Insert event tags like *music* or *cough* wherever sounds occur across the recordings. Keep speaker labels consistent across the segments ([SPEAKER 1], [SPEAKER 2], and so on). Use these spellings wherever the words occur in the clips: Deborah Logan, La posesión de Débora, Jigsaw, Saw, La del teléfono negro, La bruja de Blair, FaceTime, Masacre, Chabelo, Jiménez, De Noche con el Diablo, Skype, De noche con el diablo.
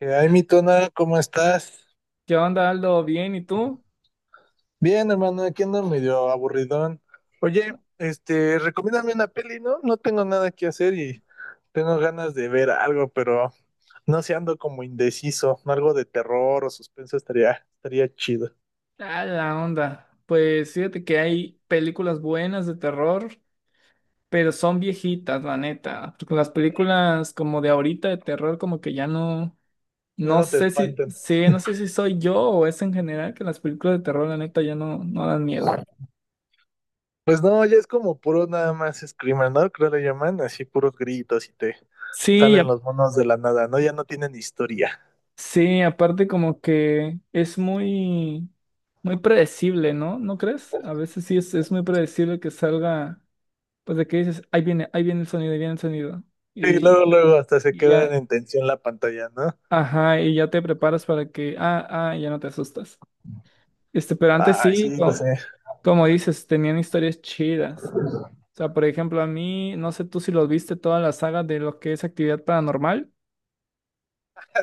[SPEAKER 1] Ay, mi tona, ¿cómo estás?
[SPEAKER 2] ¿Qué onda, Aldo? ¿Bien? ¿Y tú?
[SPEAKER 1] Bien, hermano, aquí ando medio aburridón. Oye, este, recomiéndame una peli, ¿no? No tengo nada que hacer y tengo ganas de ver algo, pero no sé, ando como indeciso. Algo de terror o suspenso estaría chido.
[SPEAKER 2] Ah, la onda. Pues fíjate que hay películas buenas de terror, pero son viejitas, la neta. Porque las películas como de ahorita de terror, como que ya no,
[SPEAKER 1] Ya
[SPEAKER 2] no
[SPEAKER 1] no te
[SPEAKER 2] sé si,
[SPEAKER 1] espanten.
[SPEAKER 2] sí, no sé si soy yo o es en general que las películas de terror, la neta, ya no, no dan miedo.
[SPEAKER 1] Pues no, ya es como puro nada más screamer, ¿no? Creo le llaman, así puros gritos y te
[SPEAKER 2] Sí,
[SPEAKER 1] salen los monos de la nada, ¿no? Ya no tienen historia.
[SPEAKER 2] sí, aparte como que es muy, muy predecible, ¿no? ¿No crees? A veces sí es muy predecible que salga. Pues de que dices, ahí viene el sonido, ahí viene el sonido.
[SPEAKER 1] Sí,
[SPEAKER 2] Y,
[SPEAKER 1] luego, luego hasta se
[SPEAKER 2] y
[SPEAKER 1] quedan
[SPEAKER 2] ya,
[SPEAKER 1] en tensión la pantalla, ¿no?
[SPEAKER 2] ajá, y ya te preparas para que, ah, ah, ya no te asustas. Este, pero antes
[SPEAKER 1] Ay,
[SPEAKER 2] sí,
[SPEAKER 1] sí, lo sé. *laughs*
[SPEAKER 2] como, dices, tenían historias chidas. O sea, por ejemplo, a mí, no sé tú si los viste toda la saga de lo que es actividad paranormal.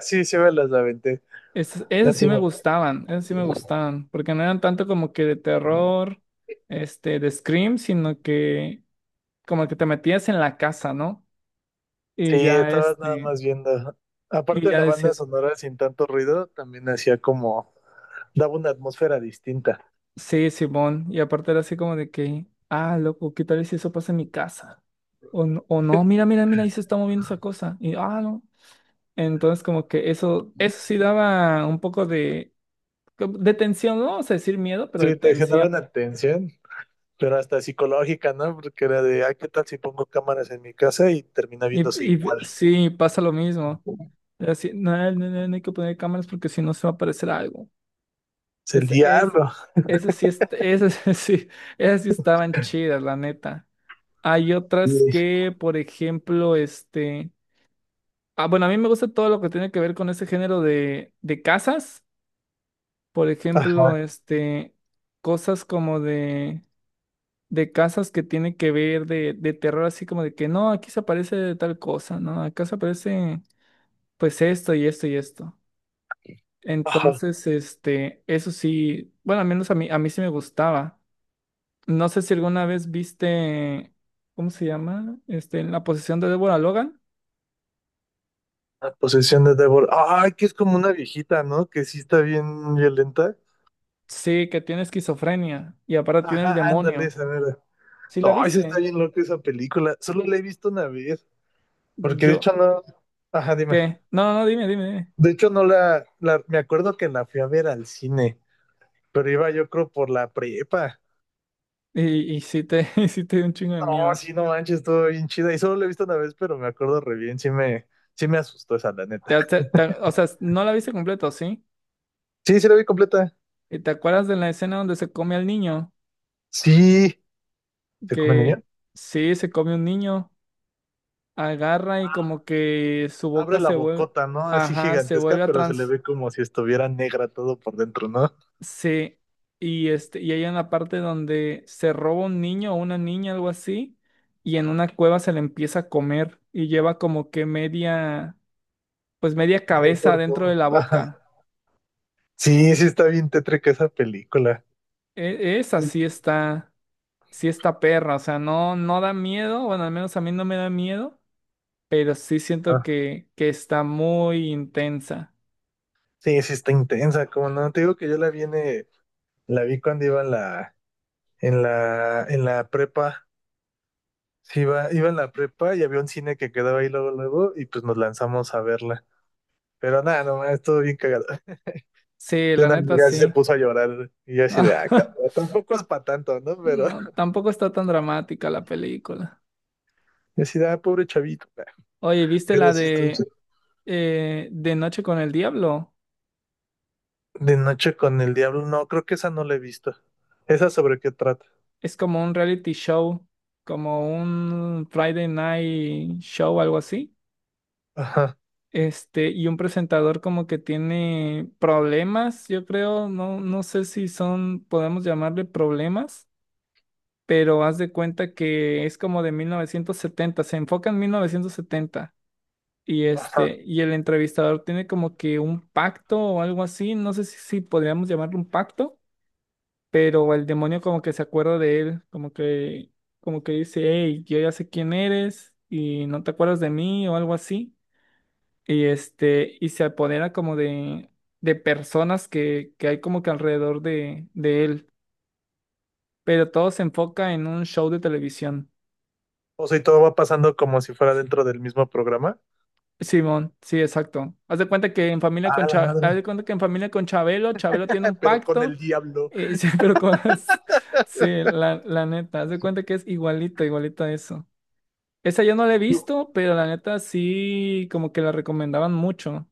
[SPEAKER 1] Sí, sí me las aventé.
[SPEAKER 2] Esas,
[SPEAKER 1] Ya
[SPEAKER 2] esas sí
[SPEAKER 1] sí,
[SPEAKER 2] me
[SPEAKER 1] me-
[SPEAKER 2] gustaban, esas sí me gustaban, porque no eran tanto como que de terror, este, de Scream, sino que como que te metías en la casa, ¿no?
[SPEAKER 1] Sí,
[SPEAKER 2] Y ya,
[SPEAKER 1] estabas nada
[SPEAKER 2] este,
[SPEAKER 1] más viendo.
[SPEAKER 2] y
[SPEAKER 1] Aparte de
[SPEAKER 2] ya
[SPEAKER 1] la banda
[SPEAKER 2] decías.
[SPEAKER 1] sonora sin tanto ruido, también hacía como, daba una atmósfera distinta.
[SPEAKER 2] Sí, Simón. Y aparte era así como de que, ah, loco, ¿qué tal si eso pasa en mi casa? O, o no, mira, mira, mira, ahí se está moviendo esa cosa. Y, ah, no. Entonces, como que eso sí daba un poco de, como de tensión, no vamos a decir miedo, pero de
[SPEAKER 1] Sí, te generaba
[SPEAKER 2] tensión.
[SPEAKER 1] una tensión, pero hasta psicológica, ¿no? Porque era de, ay, ¿qué tal si pongo cámaras en mi casa y termina
[SPEAKER 2] Y,
[SPEAKER 1] viéndose
[SPEAKER 2] y
[SPEAKER 1] igual?
[SPEAKER 2] sí, pasa lo mismo. Era así, no, no, no, no no hay que poner cámaras porque si no se va a aparecer algo.
[SPEAKER 1] Es el
[SPEAKER 2] Es, es,
[SPEAKER 1] diablo.
[SPEAKER 2] esas sí, es, esas *laughs* sí, esas sí estaban chidas, la neta. Hay otras
[SPEAKER 1] Sí.
[SPEAKER 2] que, por ejemplo, este. Ah, bueno, a mí me gusta todo lo que tiene que ver con ese género de casas. Por ejemplo,
[SPEAKER 1] Ajá,
[SPEAKER 2] este, cosas como de casas que tienen que ver de terror, así como de que no, aquí se aparece tal cosa, ¿no? Acá se aparece pues esto y esto y esto.
[SPEAKER 1] ajá.
[SPEAKER 2] Entonces, este, eso sí, bueno, al menos a mí sí me gustaba. No sé si alguna vez viste, ¿cómo se llama? Este, en la posesión de Deborah Logan.
[SPEAKER 1] La posesión de Débora. Ay, que es como una viejita, ¿no? Que sí está bien violenta.
[SPEAKER 2] Sí, que tiene esquizofrenia y aparte tiene el
[SPEAKER 1] Ajá, ándale,
[SPEAKER 2] demonio.
[SPEAKER 1] esa verdad.
[SPEAKER 2] ¿Sí la
[SPEAKER 1] No, eso está
[SPEAKER 2] viste?
[SPEAKER 1] bien loco esa película. Solo la he visto una vez, porque de
[SPEAKER 2] Yo,
[SPEAKER 1] hecho no. Ajá, dime.
[SPEAKER 2] ¿qué? No, no, dime, dime, dime.
[SPEAKER 1] De hecho no la. Me acuerdo que la fui a ver al cine, pero iba yo creo por la prepa.
[SPEAKER 2] Y sí te, *laughs* y sí te dio un chingo de
[SPEAKER 1] No,
[SPEAKER 2] miedo.
[SPEAKER 1] sí, no manches, estuvo bien chida. Y solo la he visto una vez, pero me acuerdo re bien. Sí me asustó esa, la neta.
[SPEAKER 2] O sea, no la viste completo, ¿sí?
[SPEAKER 1] Sí, sí la vi completa.
[SPEAKER 2] ¿Y te acuerdas de la escena donde se come al niño?
[SPEAKER 1] Sí. ¿Se come el niño?
[SPEAKER 2] Que sí, se come un niño, agarra y como que su boca
[SPEAKER 1] Abre la
[SPEAKER 2] se vuelve,
[SPEAKER 1] bocota, ¿no? Así
[SPEAKER 2] ajá, se
[SPEAKER 1] gigantesca,
[SPEAKER 2] vuelve a
[SPEAKER 1] pero se le
[SPEAKER 2] trans,
[SPEAKER 1] ve como si estuviera negra todo por dentro, ¿no?
[SPEAKER 2] sí. Y este, y hay una parte donde se roba un niño o una niña, algo así, y en una cueva se le empieza a comer y lleva como que media, pues media
[SPEAKER 1] El
[SPEAKER 2] cabeza dentro
[SPEAKER 1] cuerpo.
[SPEAKER 2] de la
[SPEAKER 1] Ajá.
[SPEAKER 2] boca.
[SPEAKER 1] Sí, sí está bien tétrica esa película.
[SPEAKER 2] Esa sí está perra, o sea, no, no da miedo, bueno, al menos a mí no me da miedo, pero sí siento
[SPEAKER 1] Ah,
[SPEAKER 2] que está muy intensa.
[SPEAKER 1] sí, sí está intensa, como no, te digo que yo la vi cuando iba en la prepa. Sí, iba en la prepa y había un cine que quedaba ahí luego, luego, y pues nos lanzamos a verla. Pero nada, nomás estuvo bien cagado.
[SPEAKER 2] Sí,
[SPEAKER 1] De
[SPEAKER 2] la
[SPEAKER 1] una
[SPEAKER 2] neta
[SPEAKER 1] amiga sí se
[SPEAKER 2] sí.
[SPEAKER 1] puso a llorar y yo así de, ah,
[SPEAKER 2] *laughs*
[SPEAKER 1] cabrón, tampoco es para tanto, ¿no? Pero
[SPEAKER 2] No,
[SPEAKER 1] *laughs*
[SPEAKER 2] tampoco está tan dramática la película.
[SPEAKER 1] yo así de, ah, pobre chavito.
[SPEAKER 2] Oye, ¿viste
[SPEAKER 1] Pero
[SPEAKER 2] la
[SPEAKER 1] sí está ch-
[SPEAKER 2] de De Noche con el Diablo?
[SPEAKER 1] De noche con el diablo, no, creo que esa no la he visto. ¿Esa sobre qué trata?
[SPEAKER 2] Es como un reality show, como un Friday Night Show, algo así.
[SPEAKER 1] Ajá.
[SPEAKER 2] Este, y un presentador como que tiene problemas, yo creo, no, no sé si son, podemos llamarle problemas, pero haz de cuenta que es como de 1970, se enfoca en 1970 y este, y el entrevistador tiene como que un pacto o algo así, no sé si, si podríamos llamarlo un pacto, pero el demonio como que se acuerda de él, como que dice, hey, yo ya sé quién eres y no te acuerdas de mí o algo así. Y este, y se apodera como de personas que hay como que alrededor de él. Pero todo se enfoca en un show de televisión.
[SPEAKER 1] O sea, y todo va pasando como si fuera dentro del mismo programa.
[SPEAKER 2] Simón, sí, exacto.
[SPEAKER 1] Ah, la
[SPEAKER 2] Haz de
[SPEAKER 1] madre.
[SPEAKER 2] cuenta que en familia con Chabelo, Chabelo tiene un
[SPEAKER 1] *laughs* Pero con
[SPEAKER 2] pacto.
[SPEAKER 1] el diablo.
[SPEAKER 2] Sí, *laughs* pero con *laughs* sí, la neta, haz de cuenta que es igualito, igualito a eso. Esa yo no la he visto, pero la neta sí como que la recomendaban mucho.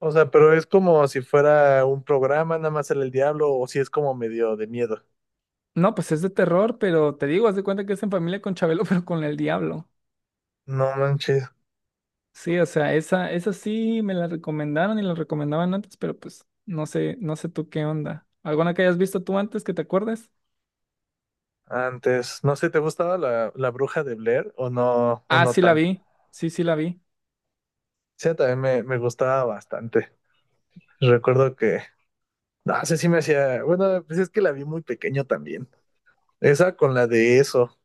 [SPEAKER 1] O sea, pero es como si fuera un programa, nada más era el diablo, o si es como medio de miedo.
[SPEAKER 2] No, pues es de terror, pero te digo, haz de cuenta que es en familia con Chabelo, *laughs* pero con el diablo.
[SPEAKER 1] No manches.
[SPEAKER 2] Sí, o sea, esa sí me la recomendaron y la recomendaban antes, pero pues no sé, no sé tú qué onda. ¿Alguna que hayas visto tú antes que te acuerdes?
[SPEAKER 1] Antes, no sé, ¿te gustaba la bruja de Blair o
[SPEAKER 2] Ah,
[SPEAKER 1] no
[SPEAKER 2] sí la
[SPEAKER 1] tanto?
[SPEAKER 2] vi. Sí, sí la vi.
[SPEAKER 1] Sí, también me gustaba bastante. Recuerdo que, no sé si me hacía, bueno, pues es que la vi muy pequeño también. Esa con la de eso.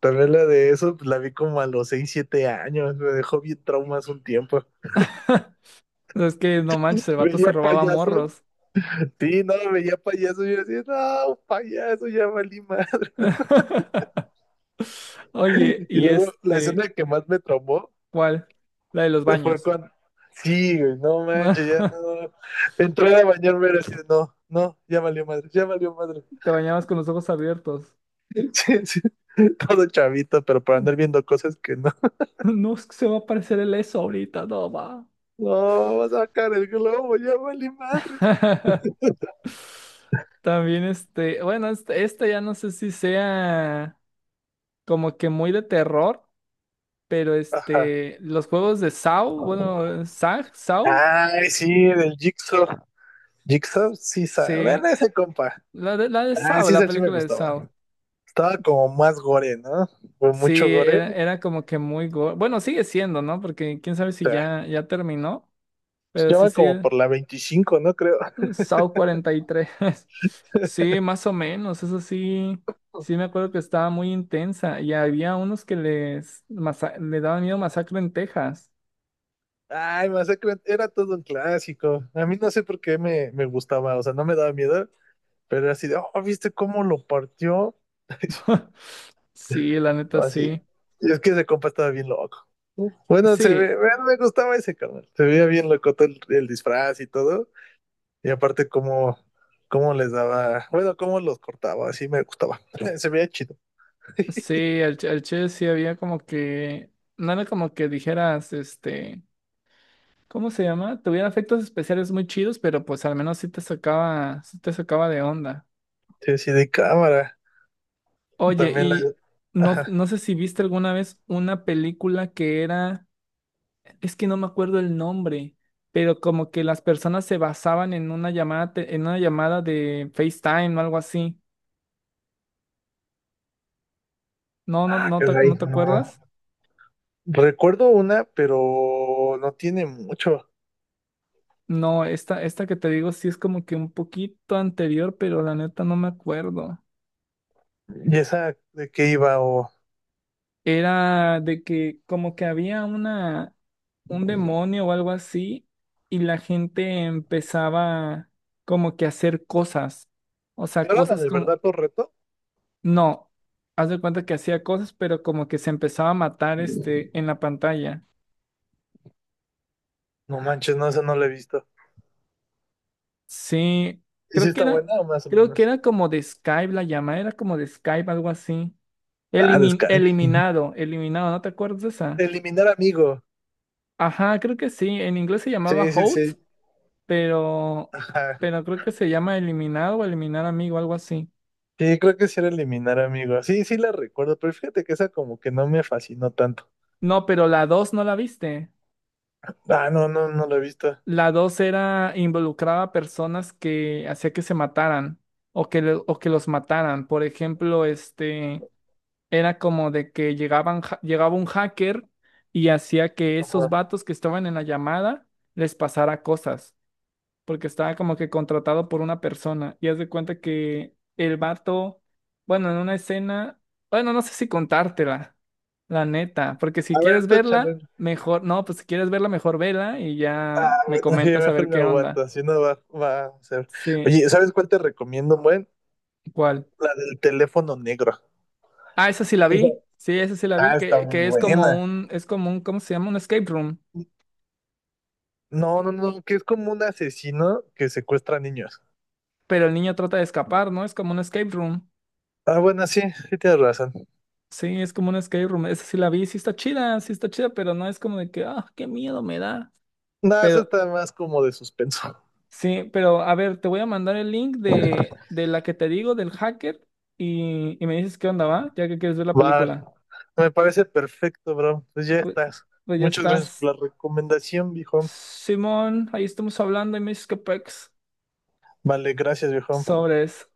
[SPEAKER 1] También la de eso, pues la vi como a los 6 7 años, me dejó bien traumas un tiempo.
[SPEAKER 2] *laughs* Es que no manches, el vato se
[SPEAKER 1] Veía
[SPEAKER 2] robaba
[SPEAKER 1] payasos,
[SPEAKER 2] morros.
[SPEAKER 1] sí, no, veía payasos y yo decía, no, payaso, ya valí madre.
[SPEAKER 2] *laughs* Oye,
[SPEAKER 1] Y
[SPEAKER 2] y
[SPEAKER 1] luego la
[SPEAKER 2] este,
[SPEAKER 1] escena que más me traumó
[SPEAKER 2] ¿cuál? La de los
[SPEAKER 1] fue
[SPEAKER 2] baños.
[SPEAKER 1] cuando, sí, güey, no manches, ya
[SPEAKER 2] *laughs*
[SPEAKER 1] no. Entré a bañarme y así, de, no, no, ya valió madre, ya valió madre.
[SPEAKER 2] Te bañabas con los ojos abiertos.
[SPEAKER 1] *laughs* Sí, sí, todo chavito, pero para andar
[SPEAKER 2] *laughs*
[SPEAKER 1] viendo cosas que no.
[SPEAKER 2] No es que se va a aparecer el eso ahorita, no va.
[SPEAKER 1] No, vas a sacar el globo, ya valí madres.
[SPEAKER 2] *laughs* También este, bueno, este, esta ya no sé si sea como que muy de terror, pero
[SPEAKER 1] Ajá.
[SPEAKER 2] este, los juegos de Saw, bueno, Saw, Saw,
[SPEAKER 1] Ay, sí, del Jigsaw. Jigsaw, sí, sabe. Bueno,
[SPEAKER 2] sí,
[SPEAKER 1] ese compa.
[SPEAKER 2] la de
[SPEAKER 1] Ah,
[SPEAKER 2] Saw,
[SPEAKER 1] sí,
[SPEAKER 2] la
[SPEAKER 1] ese sí me
[SPEAKER 2] película de
[SPEAKER 1] gustaba.
[SPEAKER 2] Saw,
[SPEAKER 1] Estaba como más gore, ¿no? Fue
[SPEAKER 2] sí,
[SPEAKER 1] mucho
[SPEAKER 2] era,
[SPEAKER 1] gore.
[SPEAKER 2] era como que muy, bueno, sigue siendo, ¿no? Porque quién sabe si
[SPEAKER 1] O sea,
[SPEAKER 2] ya, ya terminó,
[SPEAKER 1] pues
[SPEAKER 2] pero
[SPEAKER 1] ya
[SPEAKER 2] sí,
[SPEAKER 1] van
[SPEAKER 2] sí,
[SPEAKER 1] como por la 25, ¿no? Creo.
[SPEAKER 2] SAO 43 *laughs* Sí, más o menos, eso sí, sí me acuerdo que estaba muy intensa y había unos que les le daban miedo masacre en Texas.
[SPEAKER 1] Ay, Masacre era todo un clásico. A mí no sé por qué me gustaba, o sea, no me daba miedo, pero era así de, oh, ¿viste cómo lo partió? *laughs*
[SPEAKER 2] *laughs* Sí, la neta
[SPEAKER 1] Así.
[SPEAKER 2] sí.
[SPEAKER 1] Y es que ese compa estaba bien loco. Bueno, se
[SPEAKER 2] Sí,
[SPEAKER 1] ve, bueno, me gustaba ese canal. Se veía bien loco todo el disfraz y todo. Y aparte cómo les daba, bueno, cómo los cortaba, así me gustaba. *laughs* Se veía chido. *laughs*
[SPEAKER 2] sí, al Che sí había como que, no era como que dijeras, este, ¿cómo se llama? Tuviera efectos especiales muy chidos, pero pues al menos sí te sacaba de onda.
[SPEAKER 1] Sí, así de cámara.
[SPEAKER 2] Oye,
[SPEAKER 1] También la.
[SPEAKER 2] y no,
[SPEAKER 1] Ajá.
[SPEAKER 2] no sé si viste alguna vez una película que era es que no me acuerdo el nombre, pero como que las personas se basaban en una llamada, en una llamada de FaceTime o algo así. No, no,
[SPEAKER 1] Ah,
[SPEAKER 2] no te,
[SPEAKER 1] caray,
[SPEAKER 2] ¿no te
[SPEAKER 1] no.
[SPEAKER 2] acuerdas?
[SPEAKER 1] Recuerdo una, pero no tiene mucho.
[SPEAKER 2] No, esta que te digo sí es como que un poquito anterior, pero la neta no me acuerdo.
[SPEAKER 1] ¿Y esa de qué iba?
[SPEAKER 2] Era de que como que había una, un demonio o algo así, y la gente empezaba como que a hacer cosas. O sea,
[SPEAKER 1] ¿No era la
[SPEAKER 2] cosas
[SPEAKER 1] de
[SPEAKER 2] como,
[SPEAKER 1] verdad por reto?
[SPEAKER 2] no, haz de cuenta que hacía cosas, pero como que se empezaba a matar este en la pantalla.
[SPEAKER 1] No manches, no, esa no la he visto.
[SPEAKER 2] Sí,
[SPEAKER 1] ¿Y si
[SPEAKER 2] creo que
[SPEAKER 1] está
[SPEAKER 2] era,
[SPEAKER 1] buena o más o
[SPEAKER 2] creo que
[SPEAKER 1] menos?
[SPEAKER 2] era como de Skype la llamada, era como de Skype, algo así.
[SPEAKER 1] Ah, descanso.
[SPEAKER 2] Eliminado, eliminado, ¿no te acuerdas de esa?
[SPEAKER 1] Eliminar amigo.
[SPEAKER 2] Ajá, creo que sí. En inglés se llamaba
[SPEAKER 1] Sí, sí,
[SPEAKER 2] Host,
[SPEAKER 1] sí.
[SPEAKER 2] pero,
[SPEAKER 1] Ajá.
[SPEAKER 2] pero creo que se llama Eliminado o Eliminar Amigo, algo así.
[SPEAKER 1] Sí, creo que sí era eliminar amigo. Sí, sí la recuerdo, pero fíjate que esa como que no me fascinó tanto.
[SPEAKER 2] No, pero la dos no la viste.
[SPEAKER 1] Ah, no, no, no la he visto.
[SPEAKER 2] La dos era involucraba a personas que hacía que se mataran o que, o que los mataran. Por ejemplo, este era como de que llegaban, llegaba un hacker y hacía que
[SPEAKER 1] Ajá.
[SPEAKER 2] esos vatos que estaban en la llamada les pasara cosas porque estaba como que contratado por una persona y haz de cuenta que el vato, bueno, en una escena, bueno, no sé si contártela, la neta, porque si
[SPEAKER 1] A
[SPEAKER 2] quieres
[SPEAKER 1] ver, tú échale.
[SPEAKER 2] verla, mejor, no, pues si quieres verla, mejor vela y ya me
[SPEAKER 1] Bueno, sí,
[SPEAKER 2] comentas a ver
[SPEAKER 1] mejor me
[SPEAKER 2] qué
[SPEAKER 1] aguanto,
[SPEAKER 2] onda.
[SPEAKER 1] así no va a ser.
[SPEAKER 2] Sí,
[SPEAKER 1] Oye, ¿sabes cuál te recomiendo, buen?
[SPEAKER 2] ¿cuál?
[SPEAKER 1] La del teléfono negro.
[SPEAKER 2] Ah, esa sí la
[SPEAKER 1] Esa-
[SPEAKER 2] vi, sí, esa sí la vi,
[SPEAKER 1] Ah, está muy
[SPEAKER 2] que
[SPEAKER 1] buena.
[SPEAKER 2] es como un, ¿cómo se llama? Un escape room,
[SPEAKER 1] No, no, no, que es como un asesino que secuestra niños.
[SPEAKER 2] pero el niño trata de escapar, ¿no? Es como un escape room.
[SPEAKER 1] Ah, bueno, sí, sí tienes razón.
[SPEAKER 2] Sí, es como un escape room. Esa sí la vi, sí está chida, pero no es como de que, ah, qué miedo me da.
[SPEAKER 1] No, eso
[SPEAKER 2] Pero,
[SPEAKER 1] está más como de suspenso.
[SPEAKER 2] sí, pero a ver, te voy a mandar el link de la que te digo, del hacker, y me dices qué onda va, ya que quieres ver la
[SPEAKER 1] Va,
[SPEAKER 2] película.
[SPEAKER 1] me parece perfecto, bro. Pues ya
[SPEAKER 2] Pues,
[SPEAKER 1] estás.
[SPEAKER 2] pues ya
[SPEAKER 1] Muchas gracias
[SPEAKER 2] estás.
[SPEAKER 1] por la recomendación, viejo.
[SPEAKER 2] Simón, ahí estamos hablando y me dices qué pex.
[SPEAKER 1] Vale, gracias, viejo.
[SPEAKER 2] Sobres.